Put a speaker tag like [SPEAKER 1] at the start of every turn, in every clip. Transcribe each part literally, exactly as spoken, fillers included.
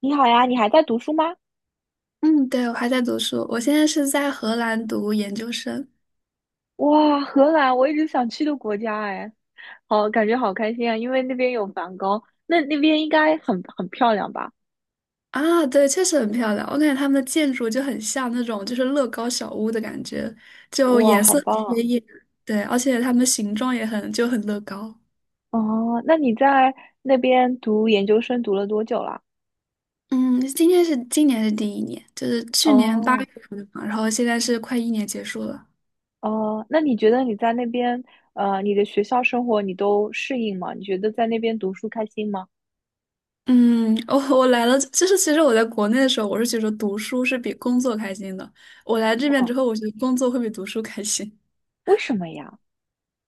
[SPEAKER 1] 你好呀，你还在读书吗？
[SPEAKER 2] 嗯，对，我还在读书，我现在是在荷兰读研究生
[SPEAKER 1] 哇，荷兰，我一直想去的国家哎，好，感觉好开心啊，因为那边有梵高，那那边应该很很漂亮吧？
[SPEAKER 2] 啊。对，确实很漂亮，我感觉他们的建筑就很像那种就是乐高小屋的感觉，就
[SPEAKER 1] 哇，
[SPEAKER 2] 颜
[SPEAKER 1] 好
[SPEAKER 2] 色很
[SPEAKER 1] 棒啊！
[SPEAKER 2] 鲜艳，对，而且它们形状也很就很乐高。
[SPEAKER 1] 哦，那你在那边读研究生读了多久了？
[SPEAKER 2] 嗯，今天是今年是第一年，就是去年八月
[SPEAKER 1] 哦
[SPEAKER 2] 份的嘛，然后现在是快一年结束了。
[SPEAKER 1] 哦，那你觉得你在那边呃，你的学校生活你都适应吗？你觉得在那边读书开心吗？
[SPEAKER 2] 嗯，我我来了，就是其实我在国内的时候，我是觉得读书是比工作开心的。我来这边
[SPEAKER 1] 嗯，
[SPEAKER 2] 之后，我觉得工作会比读书开心。
[SPEAKER 1] 为什么呀？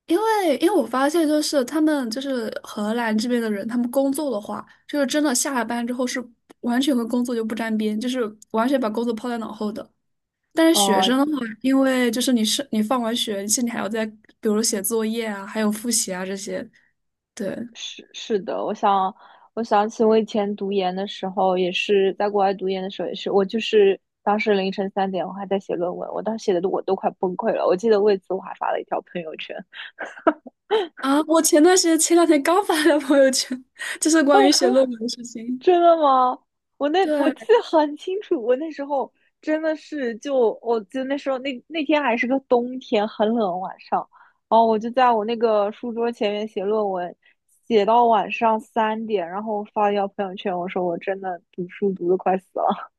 [SPEAKER 2] 因为因为我发现，就是他们就是荷兰这边的人，他们工作的话，就是真的下了班之后是完全跟工作就不沾边，就是完全把工作抛在脑后的。但是学
[SPEAKER 1] 哦、
[SPEAKER 2] 生的话，因为就是你是你放完学，其实你还要在比如写作业啊，还有复习啊这些。对
[SPEAKER 1] 是是的，我想我想起我以前读研的时候，也是在国外读研的时候，也是我就是当时凌晨三点，我还在写论文，我当时写的都我都快崩溃了。我记得为此我还发了一条朋友圈。
[SPEAKER 2] 啊，我前段时间前两天刚发了朋友圈，就是关于
[SPEAKER 1] 哦，
[SPEAKER 2] 写论文的事情。
[SPEAKER 1] 真的吗？我那我
[SPEAKER 2] 对，
[SPEAKER 1] 记得很清楚，我那时候真的是就我记得那时候那那天还是个冬天，很冷晚上，然后我就在我那个书桌前面写论文。写到晚上三点，然后我发了一条朋友圈，我说我真的读书读的快死了。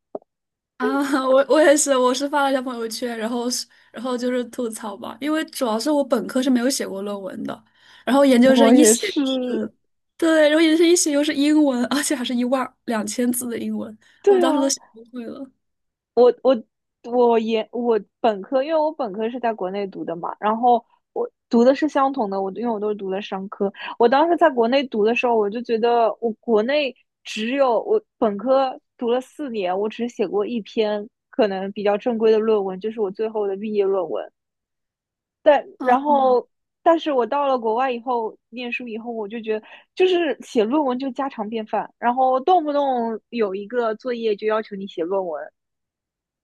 [SPEAKER 2] 啊，我我也是，我是发了一条朋友圈，然后是然后就是吐槽吧，因为主要是我本科是没有写过论文的，然后研究生
[SPEAKER 1] 我
[SPEAKER 2] 一
[SPEAKER 1] 也
[SPEAKER 2] 写
[SPEAKER 1] 是，
[SPEAKER 2] 是，对，然后研究生一写又是英文，而且还是一万两千字的英文，我
[SPEAKER 1] 对
[SPEAKER 2] 当时都
[SPEAKER 1] 啊，
[SPEAKER 2] 写崩溃了。
[SPEAKER 1] 我研我本科，因为我本科是在国内读的嘛，然后我读的是相同的，我因为我都是读的商科。我当时在国内读的时候，我就觉得我国内只有我本科读了四年，我只写过一篇可能比较正规的论文，就是我最后的毕业论文。但然
[SPEAKER 2] 嗯，
[SPEAKER 1] 后，但是我到了国外以后，念书以后，我就觉得就是写论文就家常便饭，然后动不动有一个作业就要求你写论文。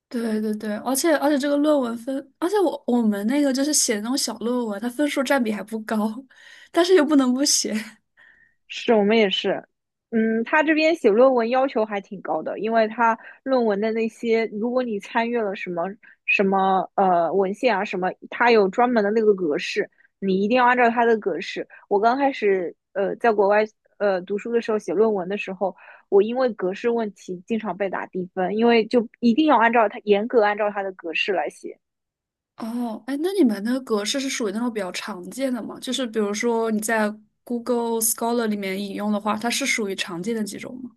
[SPEAKER 2] 对对对，而且而且这个论文分，而且我我们那个就是写那种小论文，它分数占比还不高，但是又不能不写。
[SPEAKER 1] 是我们也是，嗯，他这边写论文要求还挺高的，因为他论文的那些，如果你参阅了什么什么呃文献啊什么，他有专门的那个格式，你一定要按照他的格式。我刚开始呃在国外呃读书的时候写论文的时候，我因为格式问题经常被打低分，因为就一定要按照他严格按照他的格式来写。
[SPEAKER 2] 哦，哎，那你们那个格式是属于那种比较常见的吗？就是比如说你在 Google Scholar 里面引用的话，它是属于常见的几种吗？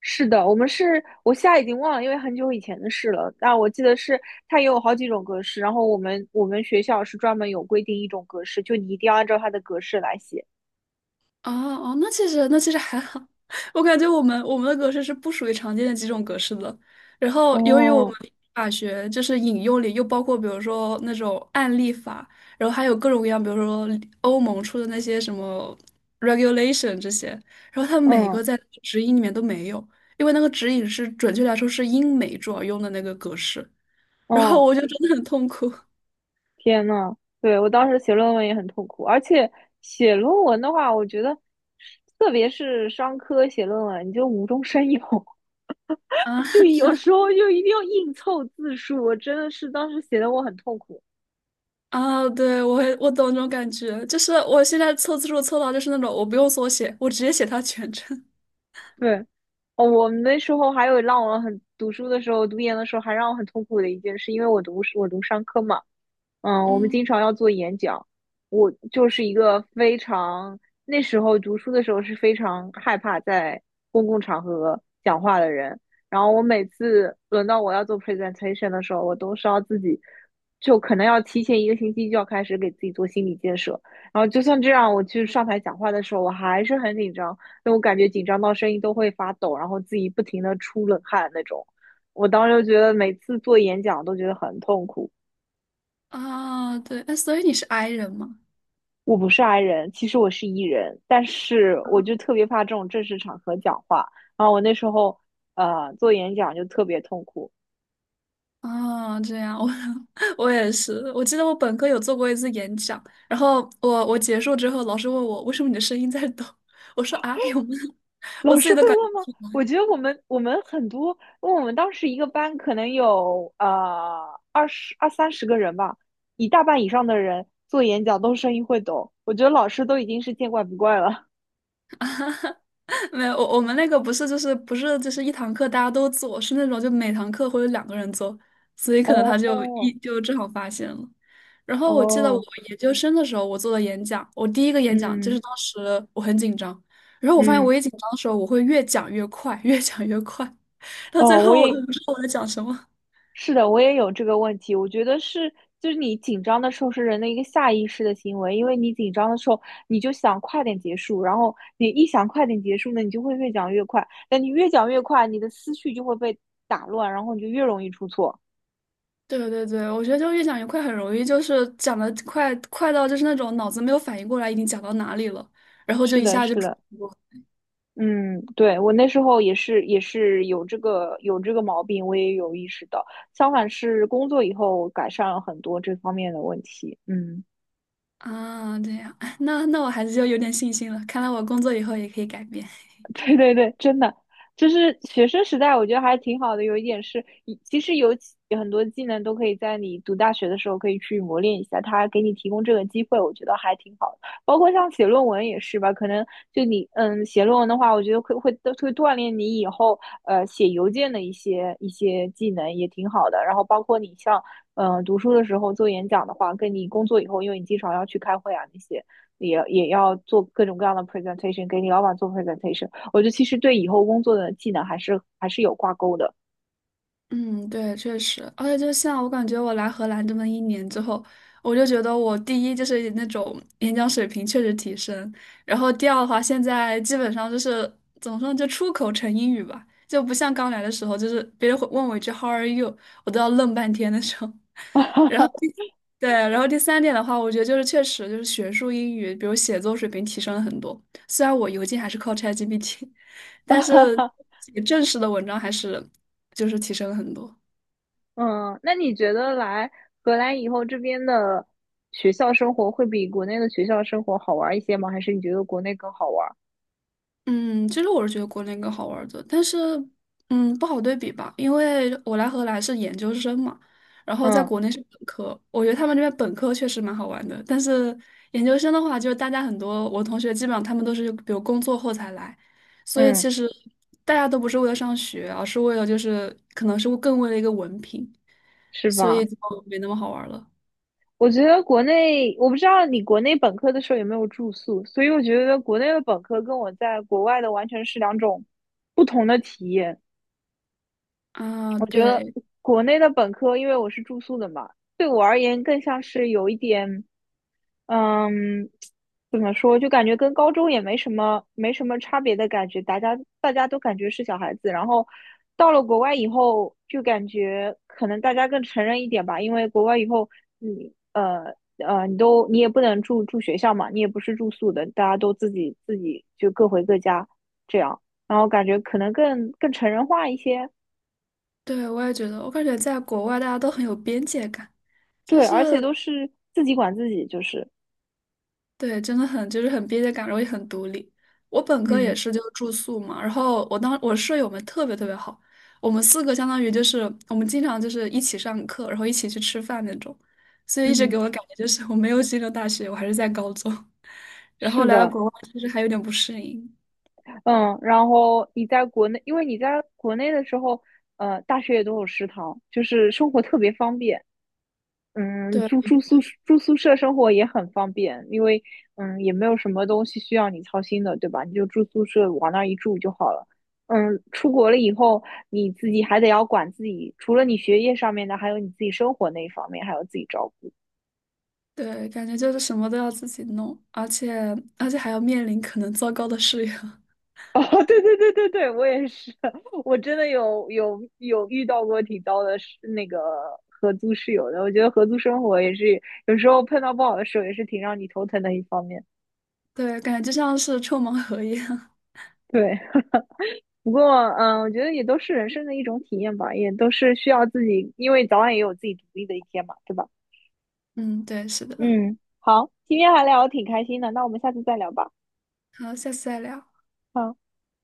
[SPEAKER 1] 是的，我们是我现在已经忘了，因为很久以前的事了。但我记得是它也有好几种格式，然后我们我们学校是专门有规定一种格式，就你一定要按照它的格式来写。
[SPEAKER 2] 哦哦，那其实那其实还好，我感觉我们我们的格式是不属于常见的几种格式的。然后由于我们
[SPEAKER 1] 哦，
[SPEAKER 2] 法学就是引用里又包括比如说那种案例法，然后还有各种各样，比如说欧盟出的那些什么 regulation 这些，然后它每
[SPEAKER 1] 嗯
[SPEAKER 2] 个在指引里面都没有，因为那个指引是准确来说是英美主要用的那个格式，然
[SPEAKER 1] 嗯，
[SPEAKER 2] 后我就真的很痛苦。
[SPEAKER 1] 天呐，对，我当时写论文也很痛苦，而且写论文的话，我觉得特别是商科写论文，你就无中生有，
[SPEAKER 2] 啊。
[SPEAKER 1] 就有时候就一定要硬凑字数，我真的是当时写的我很痛苦。
[SPEAKER 2] 啊，对，我也我懂那种感觉，就是我现在凑字数凑到就是那种我不用缩写，我直接写它全称。
[SPEAKER 1] 对，哦，我们那时候还有让我很读书的时候，读研的时候还让我很痛苦的一件事，因为我读我读商科嘛，嗯，我们
[SPEAKER 2] 嗯，
[SPEAKER 1] 经常要做演讲。我就是一个非常，那时候读书的时候是非常害怕在公共场合讲话的人。然后我每次轮到我要做 presentation 的时候，我都是要自己，就可能要提前一个星期就要开始给自己做心理建设。然后就算这样，我去上台讲话的时候，我还是很紧张，因为我感觉紧张到声音都会发抖，然后自己不停的出冷汗那种。我当时就觉得每次做演讲都觉得很痛苦。
[SPEAKER 2] 啊，对，哎，所以你是 I 人吗？
[SPEAKER 1] 我不是 I 人，其实我是 E 人，但是我就特别怕这种正式场合讲话。然后我那时候呃做演讲就特别痛苦，
[SPEAKER 2] 啊，这样，我 我也是，我记得我本科有做过一次演讲，然后我我结束之后，老师问我为什么你的声音在抖，我说啊，有吗？我
[SPEAKER 1] 老
[SPEAKER 2] 自
[SPEAKER 1] 师
[SPEAKER 2] 己都
[SPEAKER 1] 会
[SPEAKER 2] 感。
[SPEAKER 1] 问吗？我觉得我们我们很多，因为我们当时一个班可能有呃二十二三十个人吧，一大半以上的人做演讲都声音会抖，我觉得老师都已经是见怪不怪了。
[SPEAKER 2] 没有，我我们那个不是就是不是就是一堂课大家都做，是那种就每堂课会有两个人做，所以可能他就一
[SPEAKER 1] 哦
[SPEAKER 2] 就正好发现了。然后我记得我
[SPEAKER 1] 哦，
[SPEAKER 2] 研究生的时候，我做的演讲，我第一个演讲就是
[SPEAKER 1] 嗯
[SPEAKER 2] 当时我很紧张，然后我发现
[SPEAKER 1] 嗯
[SPEAKER 2] 我一紧张的时候，我会越讲越快，越讲越快，到最
[SPEAKER 1] 哦，我
[SPEAKER 2] 后我都
[SPEAKER 1] 也
[SPEAKER 2] 不知道我在讲什么。
[SPEAKER 1] 是的，我也有这个问题。我觉得是，就是你紧张的时候是人的一个下意识的行为，因为你紧张的时候，你就想快点结束，然后你一想快点结束呢，你就会越讲越快。但你越讲越快，你的思绪就会被打乱，然后你就越容易出错。
[SPEAKER 2] 对对对，我觉得就越讲越快，很容易就是讲的快快到就是那种脑子没有反应过来已经讲到哪里了，然后就
[SPEAKER 1] 是
[SPEAKER 2] 一
[SPEAKER 1] 的，
[SPEAKER 2] 下就
[SPEAKER 1] 是
[SPEAKER 2] 出
[SPEAKER 1] 的，嗯，对，我那时候也是，也是有这个有这个毛病，我也有意识到。相反是工作以后改善了很多这方面的问题。嗯。
[SPEAKER 2] 啊，这样，那那我还是就有点信心了。看来我工作以后也可以改变。
[SPEAKER 1] 对对对，真的，就是学生时代，我觉得还挺好的。有一点是，以其实有几有很多技能都可以在你读大学的时候可以去磨练一下，他给你提供这个机会，我觉得还挺好的。包括像写论文也是吧，可能就你嗯写论文的话，我觉得会会都会锻炼你以后呃写邮件的一些一些技能，也挺好的。然后包括你像嗯、呃读书的时候做演讲的话，跟你工作以后，因为你经常要去开会啊那些，也也要做各种各样的 presentation，给你老板做 presentation。我觉得其实对以后工作的技能还是还是有挂钩的。
[SPEAKER 2] 嗯，对，确实，而且就像我感觉我来荷兰这么一年之后，我就觉得我第一就是那种演讲水平确实提升，然后第二的话，现在基本上就是怎么说呢，就出口成英语吧，就不像刚来的时候，就是别人会问我一句 "How are you",我都要愣半天的时候。然后第对，然后第三点的话，我觉得就是确实就是学术英语，比如写作水平提升了很多。虽然我邮件还是靠 ChatGPT,但是 写正式的文章还是就是提升了很多。
[SPEAKER 1] 嗯，那你觉得来荷兰以后，这边的学校生活会比国内的学校生活好玩一些吗？还是你觉得国内更好玩？
[SPEAKER 2] 嗯，其实我是觉得国内更好玩儿的，但是嗯，不好对比吧，因为我来荷兰是研究生嘛，然后在
[SPEAKER 1] 嗯
[SPEAKER 2] 国内是本科，我觉得他们这边本科确实蛮好玩的，但是研究生的话，就是大家很多我同学基本上他们都是比如工作后才来，所以
[SPEAKER 1] 嗯，
[SPEAKER 2] 其实大家都不是为了上学，而是为了就是可能是更为了一个文凭，
[SPEAKER 1] 是
[SPEAKER 2] 所以
[SPEAKER 1] 吧？
[SPEAKER 2] 就没那么好玩儿了
[SPEAKER 1] 我觉得国内，我不知道你国内本科的时候有没有住宿，所以我觉得国内的本科跟我在国外的完全是两种不同的体验。
[SPEAKER 2] 啊。对
[SPEAKER 1] 国内的本科，因为我是住宿的嘛，对我而言更像是有一点嗯，怎么说？就感觉跟高中也没什么没什么差别的感觉，大家大家都感觉是小孩子。然后到了国外以后，就感觉可能大家更成人一点吧，因为国外以后你呃呃，你都你也不能住住学校嘛，你也不是住宿的，大家都自己自己就各回各家这样。然后感觉可能更更成人化一些，
[SPEAKER 2] 对，我也觉得，我感觉在国外大家都很有边界感。就
[SPEAKER 1] 对，而且
[SPEAKER 2] 是
[SPEAKER 1] 都是自己管自己，就是
[SPEAKER 2] 对，真的很就是很边界感，然后也很独立。我本科也
[SPEAKER 1] 嗯
[SPEAKER 2] 是就住宿嘛，然后我当我舍友们特别特别好，我们四个相当于就是我们经常就是一起上课，然后一起去吃饭那种，所以一直给
[SPEAKER 1] 嗯，
[SPEAKER 2] 我的感觉就是我没有进入大学，我还是在高中，然后
[SPEAKER 1] 是
[SPEAKER 2] 来到
[SPEAKER 1] 的。
[SPEAKER 2] 国外其实还有点不适应。
[SPEAKER 1] 嗯，然后你在国内，因为你在国内的时候，呃，大学也都有食堂，就是生活特别方便。嗯，
[SPEAKER 2] 对
[SPEAKER 1] 住住宿住宿舍生活也很方便，因为嗯也没有什么东西需要你操心的，对吧？你就住宿舍往那儿一住就好了。嗯，出国了以后，你自己还得要管自己，除了你学业上面的，还有你自己生活那一方面，还要自己照顾。
[SPEAKER 2] 对，感觉就是什么都要自己弄，而且而且还要面临可能糟糕的室友，
[SPEAKER 1] 哦，对对对对对，我也是，我真的有有有遇到过挺糟的室，那个合租室友的。我觉得合租生活也是有时候碰到不好的时候，也是挺让你头疼的一方面。
[SPEAKER 2] 对，感觉就像是抽盲盒一样。
[SPEAKER 1] 对，不过嗯，我觉得也都是人生的一种体验吧，也都是需要自己，因为早晚也有自己独立的一天嘛，对吧？
[SPEAKER 2] 嗯，对，是的。
[SPEAKER 1] 嗯，好，今天还聊的挺开心的，那我们下次再聊吧。
[SPEAKER 2] 好，下次再聊。
[SPEAKER 1] 好。